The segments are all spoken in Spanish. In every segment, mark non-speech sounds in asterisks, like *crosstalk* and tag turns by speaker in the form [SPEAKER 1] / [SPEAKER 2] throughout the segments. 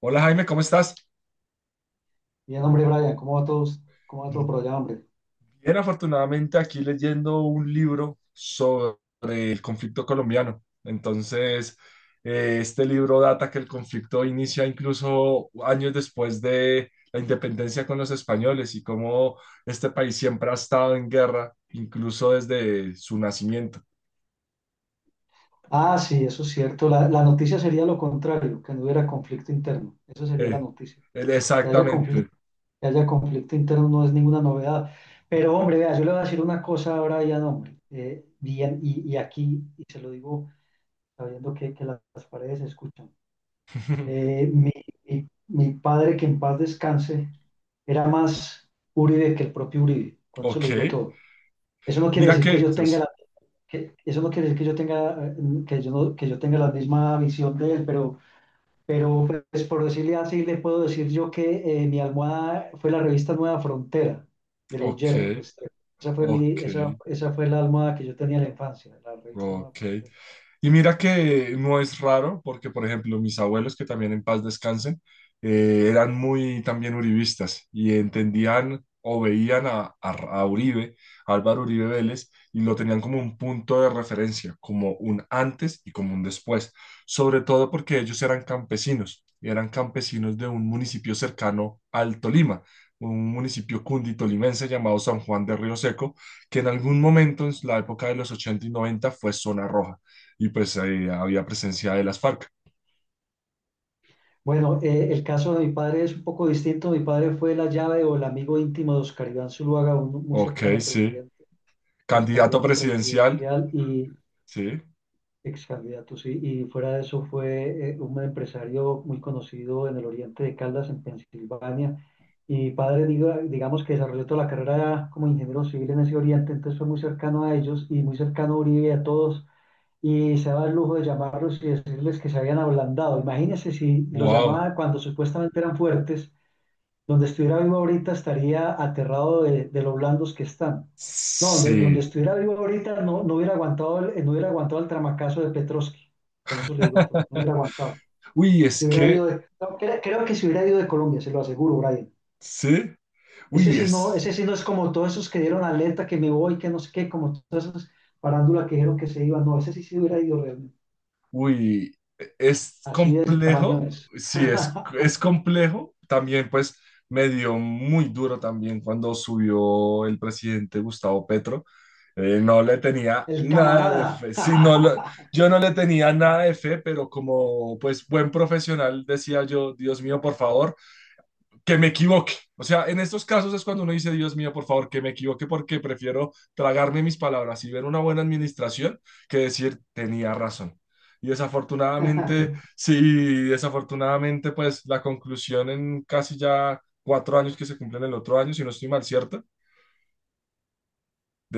[SPEAKER 1] Hola Jaime, ¿cómo estás?
[SPEAKER 2] Bien, hombre, Brian, ¿cómo va todos? ¿Cómo va todo por allá, hombre?
[SPEAKER 1] Bien, afortunadamente aquí leyendo un libro sobre el conflicto colombiano. Entonces, este libro data que el conflicto inicia incluso años después de la independencia con los españoles y cómo este país siempre ha estado en guerra, incluso desde su nacimiento.
[SPEAKER 2] Ah, sí, eso es cierto. La noticia sería lo contrario, que no hubiera conflicto interno. Eso sería la
[SPEAKER 1] Eh,
[SPEAKER 2] noticia. Que haya conflicto,
[SPEAKER 1] Exactamente.
[SPEAKER 2] que haya conflicto interno no es ninguna novedad. Pero, hombre, vea, yo le voy a decir una cosa a Brian, hombre. Bien, y aquí, y se lo digo sabiendo que las paredes se escuchan.
[SPEAKER 1] *laughs*
[SPEAKER 2] Eh, mi, mi padre, que en paz descanse, era más Uribe que el propio Uribe. Con eso le digo
[SPEAKER 1] Ok.
[SPEAKER 2] todo. Eso no quiere
[SPEAKER 1] Mira
[SPEAKER 2] decir que
[SPEAKER 1] que...
[SPEAKER 2] yo tenga la, que eso no quiere decir que yo tenga, que yo no- que yo tenga la misma visión de él, pero pues por decirle así, le puedo decir yo que mi almohada fue la revista Nueva Frontera de los
[SPEAKER 1] Ok,
[SPEAKER 2] Gerald Restrepo. Esa fue mi,
[SPEAKER 1] ok,
[SPEAKER 2] esa, esa fue la almohada que yo tenía en la infancia, la revista Nueva
[SPEAKER 1] ok.
[SPEAKER 2] Frontera.
[SPEAKER 1] Y mira que no es raro, porque por ejemplo mis abuelos, que también en paz descansen, eran muy también uribistas y entendían o veían a, a Uribe, a Álvaro Uribe Vélez, y lo tenían como un punto de referencia, como un antes y como un después, sobre todo porque ellos eran campesinos de un municipio cercano al Tolima, un municipio cunditolimense llamado San Juan de Río Seco, que en algún momento, en la época de los 80 y 90 fue zona roja y pues ahí había presencia de las FARC.
[SPEAKER 2] Bueno, el caso de mi padre es un poco distinto. Mi padre fue la llave o el amigo íntimo de Oscar Iván Zuluaga, muy
[SPEAKER 1] Ok,
[SPEAKER 2] cercano al
[SPEAKER 1] sí.
[SPEAKER 2] presidente, es
[SPEAKER 1] Candidato
[SPEAKER 2] candidato
[SPEAKER 1] presidencial,
[SPEAKER 2] presidencial y
[SPEAKER 1] sí.
[SPEAKER 2] ex candidato, sí. Y fuera de eso fue un empresario muy conocido en el oriente de Caldas, en Pensilvania. Y mi padre, digamos que desarrolló toda la carrera como ingeniero civil en ese oriente, entonces fue muy cercano a ellos y muy cercano a Uribe y a todos. Y se daba el lujo de llamarlos y decirles que se habían ablandado. Imagínense si los
[SPEAKER 1] Wow,
[SPEAKER 2] llamaba cuando supuestamente eran fuertes, donde estuviera vivo ahorita estaría aterrado de lo blandos que están. No, donde
[SPEAKER 1] sí.
[SPEAKER 2] estuviera vivo ahorita no hubiera aguantado el tramacazo de Petrovsky. Con eso le digo todo. No hubiera aguantado.
[SPEAKER 1] Uy, es
[SPEAKER 2] Se hubiera ido
[SPEAKER 1] que,
[SPEAKER 2] no, creo que se hubiera ido de Colombia, se lo aseguro, Brian.
[SPEAKER 1] sí. Uy, es.
[SPEAKER 2] Ese sí no es como todos esos que dieron alerta que me voy, que no sé qué, como todas esas parándulas que dijeron que se iban. No, ese sí se hubiera ido realmente.
[SPEAKER 1] Uy, es
[SPEAKER 2] Así de ese tamaño
[SPEAKER 1] complejo,
[SPEAKER 2] es.
[SPEAKER 1] sí, es
[SPEAKER 2] *laughs*
[SPEAKER 1] complejo. También, pues, me dio muy duro también cuando subió el presidente Gustavo Petro. No le tenía
[SPEAKER 2] El
[SPEAKER 1] nada de
[SPEAKER 2] camarada.
[SPEAKER 1] fe. Yo no le tenía nada de fe, pero como, pues, buen profesional, decía yo, Dios mío, por favor que me equivoque. O sea, en estos casos es cuando uno dice, Dios mío, por favor, que me equivoque porque prefiero tragarme mis palabras y ver una buena administración que decir, tenía razón. Y
[SPEAKER 2] *laughs*
[SPEAKER 1] desafortunadamente, sí, desafortunadamente, pues la conclusión en casi ya cuatro años que se cumplen el otro año, si no estoy mal, ¿cierto?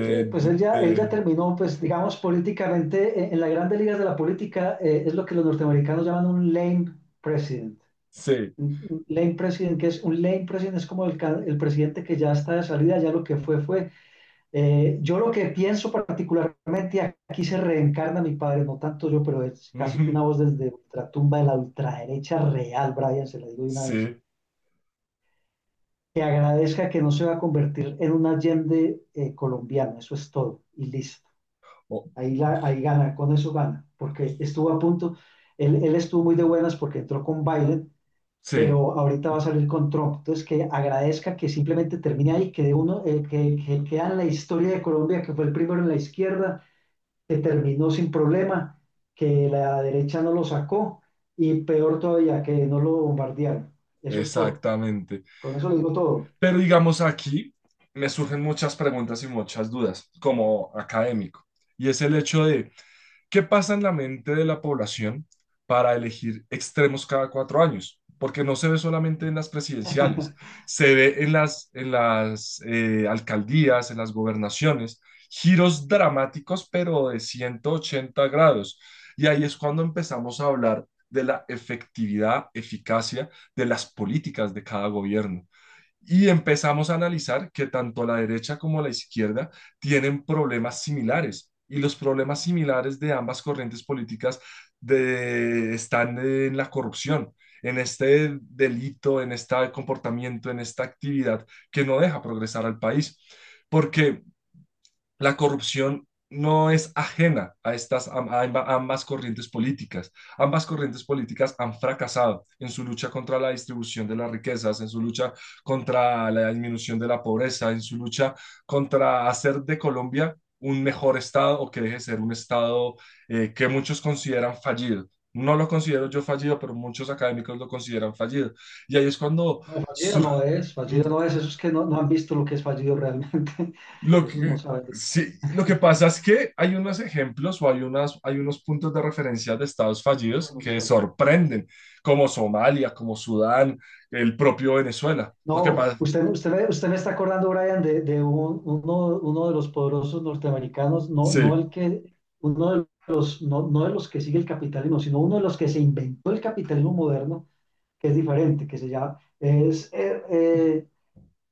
[SPEAKER 2] Sí, pues
[SPEAKER 1] de-
[SPEAKER 2] él ya
[SPEAKER 1] de-
[SPEAKER 2] terminó, pues digamos, políticamente, en las grandes ligas de la política, es lo que los norteamericanos llaman un lame president.
[SPEAKER 1] sí,
[SPEAKER 2] Un lame president, que es un lame president, es como el presidente que ya está de salida, ya lo que fue, fue. Yo lo que pienso particularmente, aquí se reencarna mi padre, no tanto yo, pero es casi que
[SPEAKER 1] ujú,
[SPEAKER 2] una voz desde ultratumba de la ultraderecha real, Brian, se la digo de una vez,
[SPEAKER 1] sí,
[SPEAKER 2] que agradezca que no se va a convertir en un Allende colombiano, eso es todo, y listo.
[SPEAKER 1] o-
[SPEAKER 2] Ahí gana, con eso gana, porque estuvo a punto, él estuvo muy de buenas porque entró con Biden,
[SPEAKER 1] sí,
[SPEAKER 2] pero ahorita va a salir con Trump. Entonces, que agradezca que simplemente termine ahí, que queda en la historia de Colombia, que fue el primero en la izquierda, que terminó sin problema, que la derecha no lo sacó y peor todavía, que no lo bombardearon. Eso es todo.
[SPEAKER 1] exactamente.
[SPEAKER 2] Con eso lo digo todo.
[SPEAKER 1] Pero digamos aquí me surgen muchas preguntas y muchas dudas como académico. Y es el hecho de qué pasa en la mente de la población para elegir extremos cada cuatro años. Porque no se ve solamente en las presidenciales,
[SPEAKER 2] *laughs*
[SPEAKER 1] se ve en las, en las alcaldías, en las gobernaciones, giros dramáticos, pero de 180 grados. Y ahí es cuando empezamos a hablar de la efectividad, eficacia de las políticas de cada gobierno y empezamos a analizar que tanto la derecha como la izquierda tienen problemas similares y los problemas similares de ambas corrientes políticas están en la corrupción, en este delito, en este comportamiento, en esta actividad que no deja progresar al país. Porque la corrupción no es ajena a estas a ambas corrientes políticas. Ambas corrientes políticas han fracasado en su lucha contra la distribución de las riquezas, en su lucha contra la disminución de la pobreza, en su lucha contra hacer de Colombia un mejor estado o que deje de ser un estado que muchos consideran fallido. No lo considero yo fallido, pero muchos académicos lo consideran fallido. Y ahí es cuando
[SPEAKER 2] No, fallido
[SPEAKER 1] surge
[SPEAKER 2] no es, fallido no es. Esos que no han visto lo que es fallido realmente, *laughs*
[SPEAKER 1] lo
[SPEAKER 2] esos no
[SPEAKER 1] que,
[SPEAKER 2] saben.
[SPEAKER 1] sí, lo que
[SPEAKER 2] *laughs*
[SPEAKER 1] pasa es que hay unos ejemplos o hay, unas, hay unos puntos de referencia de estados
[SPEAKER 2] Eso
[SPEAKER 1] fallidos
[SPEAKER 2] no es
[SPEAKER 1] que
[SPEAKER 2] fácil.
[SPEAKER 1] sorprenden, como Somalia, como Sudán, el propio Venezuela. Lo que
[SPEAKER 2] No,
[SPEAKER 1] pasa,
[SPEAKER 2] usted me está acordando, Brian, de uno de los poderosos norteamericanos, no
[SPEAKER 1] sí,
[SPEAKER 2] el que, uno de los, no de los que sigue el capitalismo, sino uno de los que se inventó el capitalismo moderno, que es diferente, que se llama,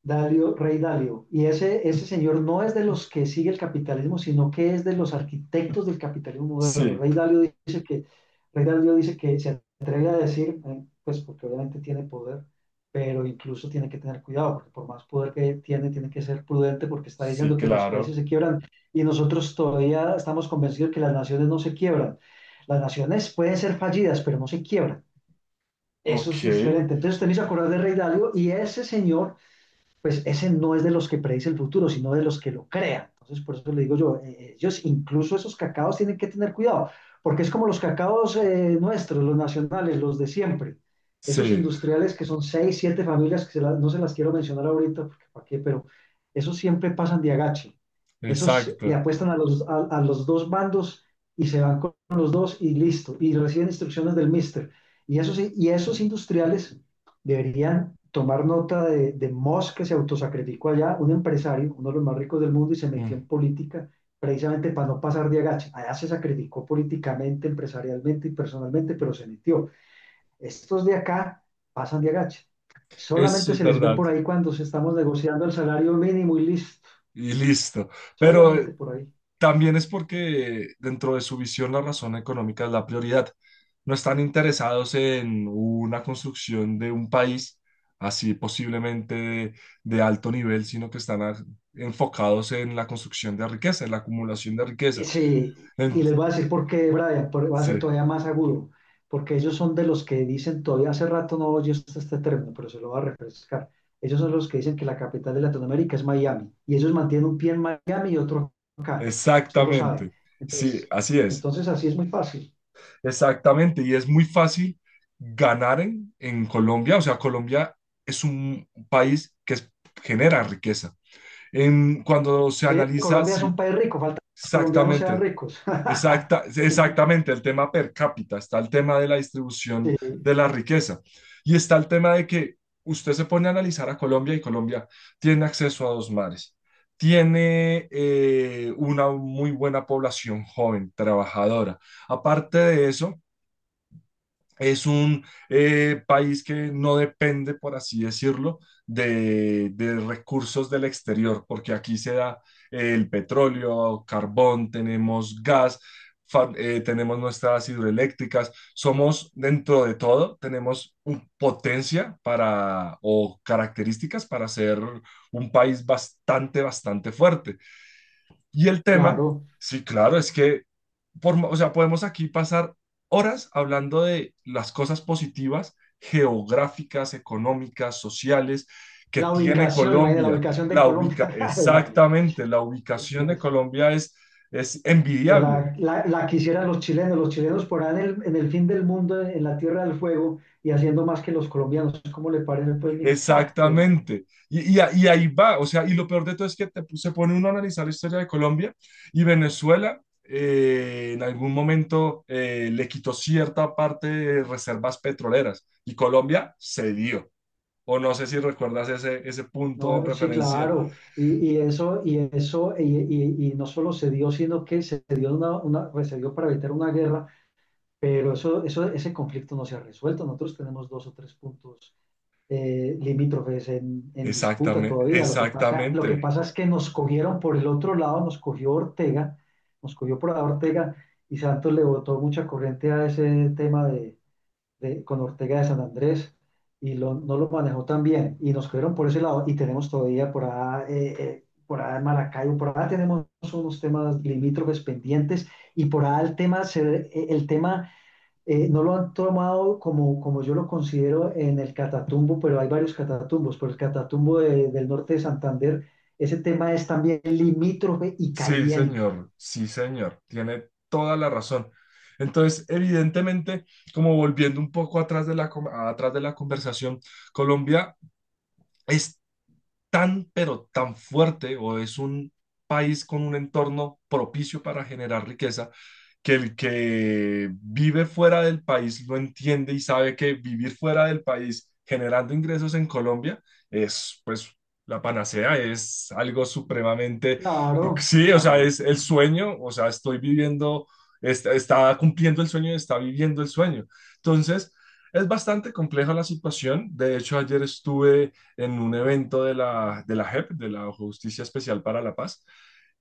[SPEAKER 2] Dalio, Rey Dalio. Y ese señor no es de los que sigue el capitalismo, sino que es de los arquitectos del capitalismo moderno.
[SPEAKER 1] sí,
[SPEAKER 2] Dice que, Rey Dalio dice que se atreve a decir, pues porque obviamente tiene poder, pero incluso tiene que tener cuidado, porque por más poder que tiene, tiene que ser prudente porque está
[SPEAKER 1] sí,
[SPEAKER 2] diciendo que los países
[SPEAKER 1] claro.
[SPEAKER 2] se quiebran y nosotros todavía estamos convencidos que las naciones no se quiebran. Las naciones pueden ser fallidas, pero no se quiebran. Eso es
[SPEAKER 1] Ok,
[SPEAKER 2] diferente. Entonces, usted me hizo acordar de Rey Dalio, y ese señor, pues ese no es de los que predice el futuro, sino de los que lo crean. Entonces, por eso le digo yo, ellos incluso esos cacaos tienen que tener cuidado, porque es como los cacaos nuestros, los nacionales, los de siempre. Esos
[SPEAKER 1] sí,
[SPEAKER 2] industriales que son seis, siete familias, que no se las quiero mencionar ahorita, porque para qué, pero esos siempre pasan de agache. Esos le
[SPEAKER 1] exacto.
[SPEAKER 2] apuestan a los, a los dos bandos y se van con los dos y listo. Y reciben instrucciones del mister. Y esos industriales deberían tomar nota de Musk, que se autosacrificó allá, un empresario, uno de los más ricos del mundo, y se metió
[SPEAKER 1] Mm,
[SPEAKER 2] en política precisamente para no pasar de agacha. Allá se sacrificó políticamente, empresarialmente y personalmente, pero se metió. Estos de acá pasan de agacha. Solamente
[SPEAKER 1] eso es
[SPEAKER 2] se les ve
[SPEAKER 1] verdad.
[SPEAKER 2] por ahí cuando se estamos negociando el salario mínimo y listo.
[SPEAKER 1] Y listo. Pero
[SPEAKER 2] Solamente por ahí.
[SPEAKER 1] también es porque dentro de su visión la razón económica es la prioridad. No están interesados en una construcción de un país así posiblemente de alto nivel, sino que están enfocados en la construcción de riqueza, en la acumulación de riqueza.
[SPEAKER 2] Sí,
[SPEAKER 1] En-
[SPEAKER 2] y les voy a decir por qué, Brian, va a ser
[SPEAKER 1] sí,
[SPEAKER 2] todavía más agudo, porque ellos son de los que dicen, todavía hace rato no oyes este término, pero se lo va a refrescar. Ellos son los que dicen que la capital de Latinoamérica es Miami, y ellos mantienen un pie en Miami y otro acá, usted lo sabe.
[SPEAKER 1] exactamente. Sí,
[SPEAKER 2] Entonces,
[SPEAKER 1] así es.
[SPEAKER 2] entonces así es muy fácil.
[SPEAKER 1] Exactamente. Y es muy fácil ganar en Colombia. O sea, Colombia es un país que genera riqueza. En, cuando se
[SPEAKER 2] Sí,
[SPEAKER 1] analiza,
[SPEAKER 2] Colombia es un
[SPEAKER 1] sí,
[SPEAKER 2] país rico, falta que los colombianos sean
[SPEAKER 1] exactamente,
[SPEAKER 2] ricos. *laughs*
[SPEAKER 1] exacta, exactamente, el tema per cápita, está el tema de la distribución
[SPEAKER 2] Sí,
[SPEAKER 1] de la riqueza y está el tema de que usted se pone a analizar a Colombia y Colombia tiene acceso a dos mares, tiene una muy buena población joven, trabajadora. Aparte de eso, es un país que no depende, por así decirlo, de recursos del exterior, porque aquí se da el petróleo, carbón, tenemos gas, tenemos nuestras hidroeléctricas, somos dentro de todo, tenemos potencia para o características para ser un país bastante, bastante fuerte. Y el tema,
[SPEAKER 2] claro.
[SPEAKER 1] sí, claro, es que por, o sea, podemos aquí pasar horas hablando de las cosas positivas geográficas, económicas, sociales que
[SPEAKER 2] La
[SPEAKER 1] tiene
[SPEAKER 2] ubicación, imagínate, la
[SPEAKER 1] Colombia.
[SPEAKER 2] ubicación de
[SPEAKER 1] La
[SPEAKER 2] Colombia,
[SPEAKER 1] ubica,
[SPEAKER 2] *laughs* Ave María.
[SPEAKER 1] exactamente, la ubicación de Colombia es
[SPEAKER 2] Se
[SPEAKER 1] envidiable.
[SPEAKER 2] la, la, la quisieran los chilenos por ahí en el fin del mundo, en la Tierra del Fuego, y haciendo más que los colombianos. ¿Cómo le parece, pues, mijo? *laughs* ¡Ja! Ave María.
[SPEAKER 1] Exactamente. Y, y ahí va, o sea, y lo peor de todo es que se pone uno a analizar la historia de Colombia y Venezuela en algún momento le quitó cierta parte de reservas petroleras y Colombia cedió. O no sé si recuerdas ese, ese punto en
[SPEAKER 2] No, sí,
[SPEAKER 1] referencia.
[SPEAKER 2] claro. Y eso, y eso, y no solo se dio, sino que se dio pues, se dio para evitar una guerra, pero ese conflicto no se ha resuelto. Nosotros tenemos dos o tres puntos limítrofes, en disputa
[SPEAKER 1] Exactamente,
[SPEAKER 2] todavía. Lo que pasa, lo que
[SPEAKER 1] exactamente.
[SPEAKER 2] pasa es que nos cogieron por el otro lado, nos cogió Ortega, nos cogió por la Ortega, y Santos le botó mucha corriente a ese tema con Ortega de San Andrés, y no lo manejó tan bien, y nos cogieron por ese lado, y tenemos todavía por allá en Maracaibo, por allá tenemos unos temas limítrofes pendientes, y por allá el tema, el tema no lo han tomado como, como yo lo considero, en el Catatumbo, pero hay varios Catatumbos. Por el Catatumbo del norte de Santander, ese tema es también limítrofe y
[SPEAKER 1] Sí,
[SPEAKER 2] caliente.
[SPEAKER 1] señor, sí, señor. Tiene toda la razón. Entonces, evidentemente, como volviendo un poco atrás de la, atrás de la conversación, Colombia es tan, pero tan fuerte o es un país con un entorno propicio para generar riqueza, que el que vive fuera del país lo entiende y sabe que vivir fuera del país generando ingresos en Colombia es pues la panacea, es algo supremamente,
[SPEAKER 2] Claro,
[SPEAKER 1] sí, o sea,
[SPEAKER 2] claro.
[SPEAKER 1] es el sueño, o sea, estoy viviendo, está, está cumpliendo el sueño, está viviendo el sueño. Entonces, es bastante compleja la situación. De hecho, ayer estuve en un evento de la JEP, de la Justicia Especial para la Paz.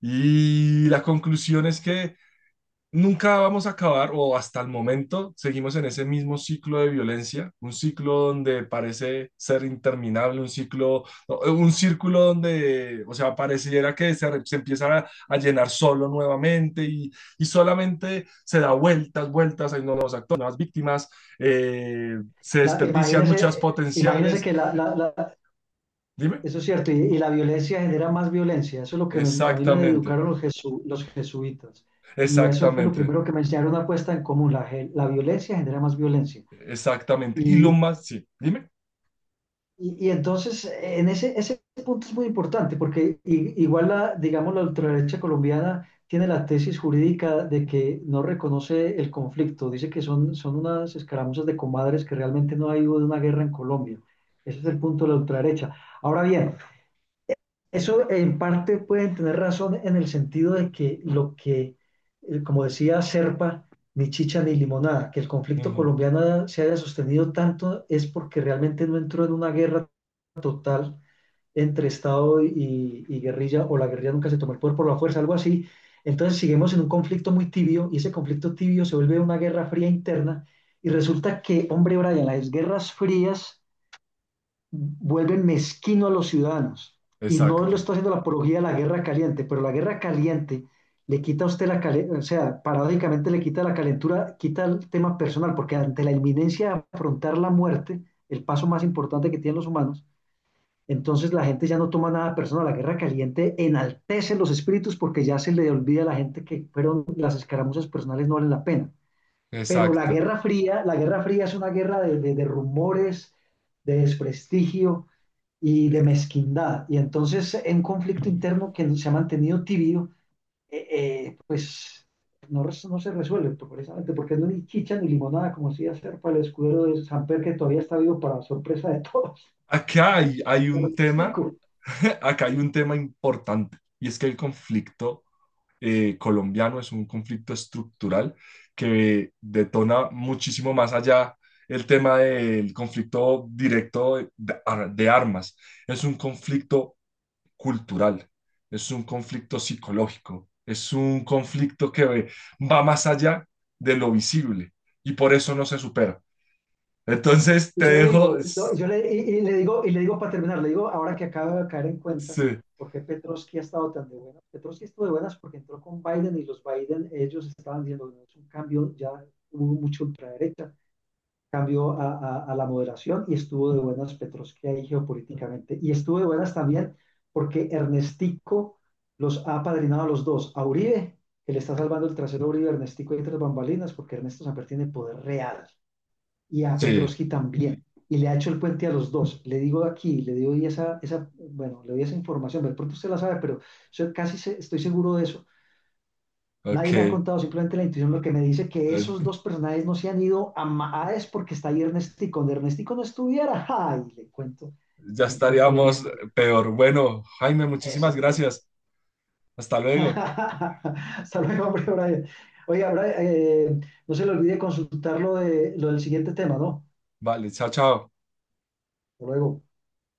[SPEAKER 1] Y la conclusión es que nunca vamos a acabar, o hasta el momento seguimos en ese mismo ciclo de violencia, un ciclo donde parece ser interminable, un ciclo, no, un círculo donde, o sea, pareciera que se empieza a, llenar solo nuevamente y, solamente se da vueltas, vueltas, hay nuevos actores, nuevas víctimas, se
[SPEAKER 2] La,
[SPEAKER 1] desperdician muchas
[SPEAKER 2] imagínese, imagínese
[SPEAKER 1] potenciales.
[SPEAKER 2] que
[SPEAKER 1] Dime.
[SPEAKER 2] eso es cierto, y la violencia genera más violencia. Eso es lo que me- a mí me
[SPEAKER 1] Exactamente,
[SPEAKER 2] educaron los, los jesuitas. Y eso fue lo
[SPEAKER 1] exactamente,
[SPEAKER 2] primero que me enseñaron, una puesta en común. La violencia genera más violencia.
[SPEAKER 1] exactamente. Y lo
[SPEAKER 2] Y,
[SPEAKER 1] más, sí, dime.
[SPEAKER 2] y entonces, en ese, ese punto es muy importante, porque igual, digamos, la ultraderecha colombiana tiene la tesis jurídica de que no reconoce el conflicto, dice que son, son unas escaramuzas de comadres, que realmente no ha habido una guerra en Colombia. Ese es el punto de la ultraderecha. Ahora bien, eso en parte pueden tener razón en el sentido de que lo que, como decía Serpa, ni chicha ni limonada, que el conflicto
[SPEAKER 1] Ujú,
[SPEAKER 2] colombiano se haya sostenido tanto es porque realmente no entró en una guerra total entre Estado y guerrilla, o la guerrilla nunca se tomó el poder por la fuerza, algo así. Entonces seguimos en un conflicto muy tibio, y ese conflicto tibio se vuelve una guerra fría interna, y resulta que, hombre, Brian, las guerras frías vuelven mezquino a los ciudadanos, y no lo
[SPEAKER 1] exacto,
[SPEAKER 2] está haciendo la apología de la guerra caliente, pero la guerra caliente le quita a usted la calentura, o sea, paradójicamente le quita la calentura, quita el tema personal, porque ante la inminencia de afrontar la muerte, el paso más importante que tienen los humanos, entonces la gente ya no toma nada personal. La guerra caliente enaltece los espíritus porque ya se le olvida a la gente que fueron las escaramuzas personales, no valen la pena. Pero
[SPEAKER 1] exacto.
[SPEAKER 2] la guerra fría es una guerra de rumores, de desprestigio y de mezquindad. Y entonces en conflicto interno que se ha mantenido tibio, eh, pues no se resuelve precisamente porque no hay ni chicha ni limonada, como si hacer para el escudero de San Pedro que todavía está vivo para sorpresa de todos.
[SPEAKER 1] Acá hay, hay
[SPEAKER 2] *laughs* Pero,
[SPEAKER 1] un
[SPEAKER 2] sí,
[SPEAKER 1] tema, *laughs* acá hay un tema importante, y es que el conflicto colombiano es un conflicto estructural que detona muchísimo más allá el tema del conflicto directo de armas. Es un conflicto cultural, es un conflicto psicológico, es un conflicto que va más allá de lo visible y por eso no se supera. Entonces
[SPEAKER 2] y
[SPEAKER 1] te
[SPEAKER 2] yo le
[SPEAKER 1] dejo,
[SPEAKER 2] digo, no, yo le, y le digo, y le digo para terminar, le digo, ahora que acaba de caer en cuenta,
[SPEAKER 1] sí,
[SPEAKER 2] ¿por qué Petrovsky ha estado tan de buenas? Petrovsky estuvo de buenas porque entró con Biden, y los Biden, ellos estaban diciendo, no, es un cambio, ya hubo mucho ultraderecha, cambio a la moderación, y estuvo de buenas Petrovsky ahí geopolíticamente. Y estuvo de buenas también porque Ernestico los ha apadrinado a los dos, a Uribe, que le está salvando el trasero a Uribe, Ernestico, y tres bambalinas, porque Ernesto Samper tiene poder real, y a
[SPEAKER 1] sí,
[SPEAKER 2] Petrovsky también. Y le ha hecho el puente a los dos. Le digo aquí, le doy esa, bueno, le doy esa información. De pronto usted la sabe, pero yo casi estoy seguro de eso. Nadie
[SPEAKER 1] ok,
[SPEAKER 2] me ha contado, simplemente la intuición, lo que me dice que esos dos personajes no se han ido a Maades porque está ahí Ernestico. Donde Ernestico no estuviera, *laughs* ¡ay! Le cuento
[SPEAKER 1] ya
[SPEAKER 2] en qué problema
[SPEAKER 1] estaríamos
[SPEAKER 2] estaría.
[SPEAKER 1] peor. Bueno, Jaime, muchísimas
[SPEAKER 2] Exactamente.
[SPEAKER 1] gracias. Hasta
[SPEAKER 2] *laughs*
[SPEAKER 1] luego.
[SPEAKER 2] Hasta luego, hombre, Brian. Oiga, Brian, no se le olvide consultar lo del siguiente tema, ¿no?
[SPEAKER 1] Vale, chao, chao.
[SPEAKER 2] Hasta luego.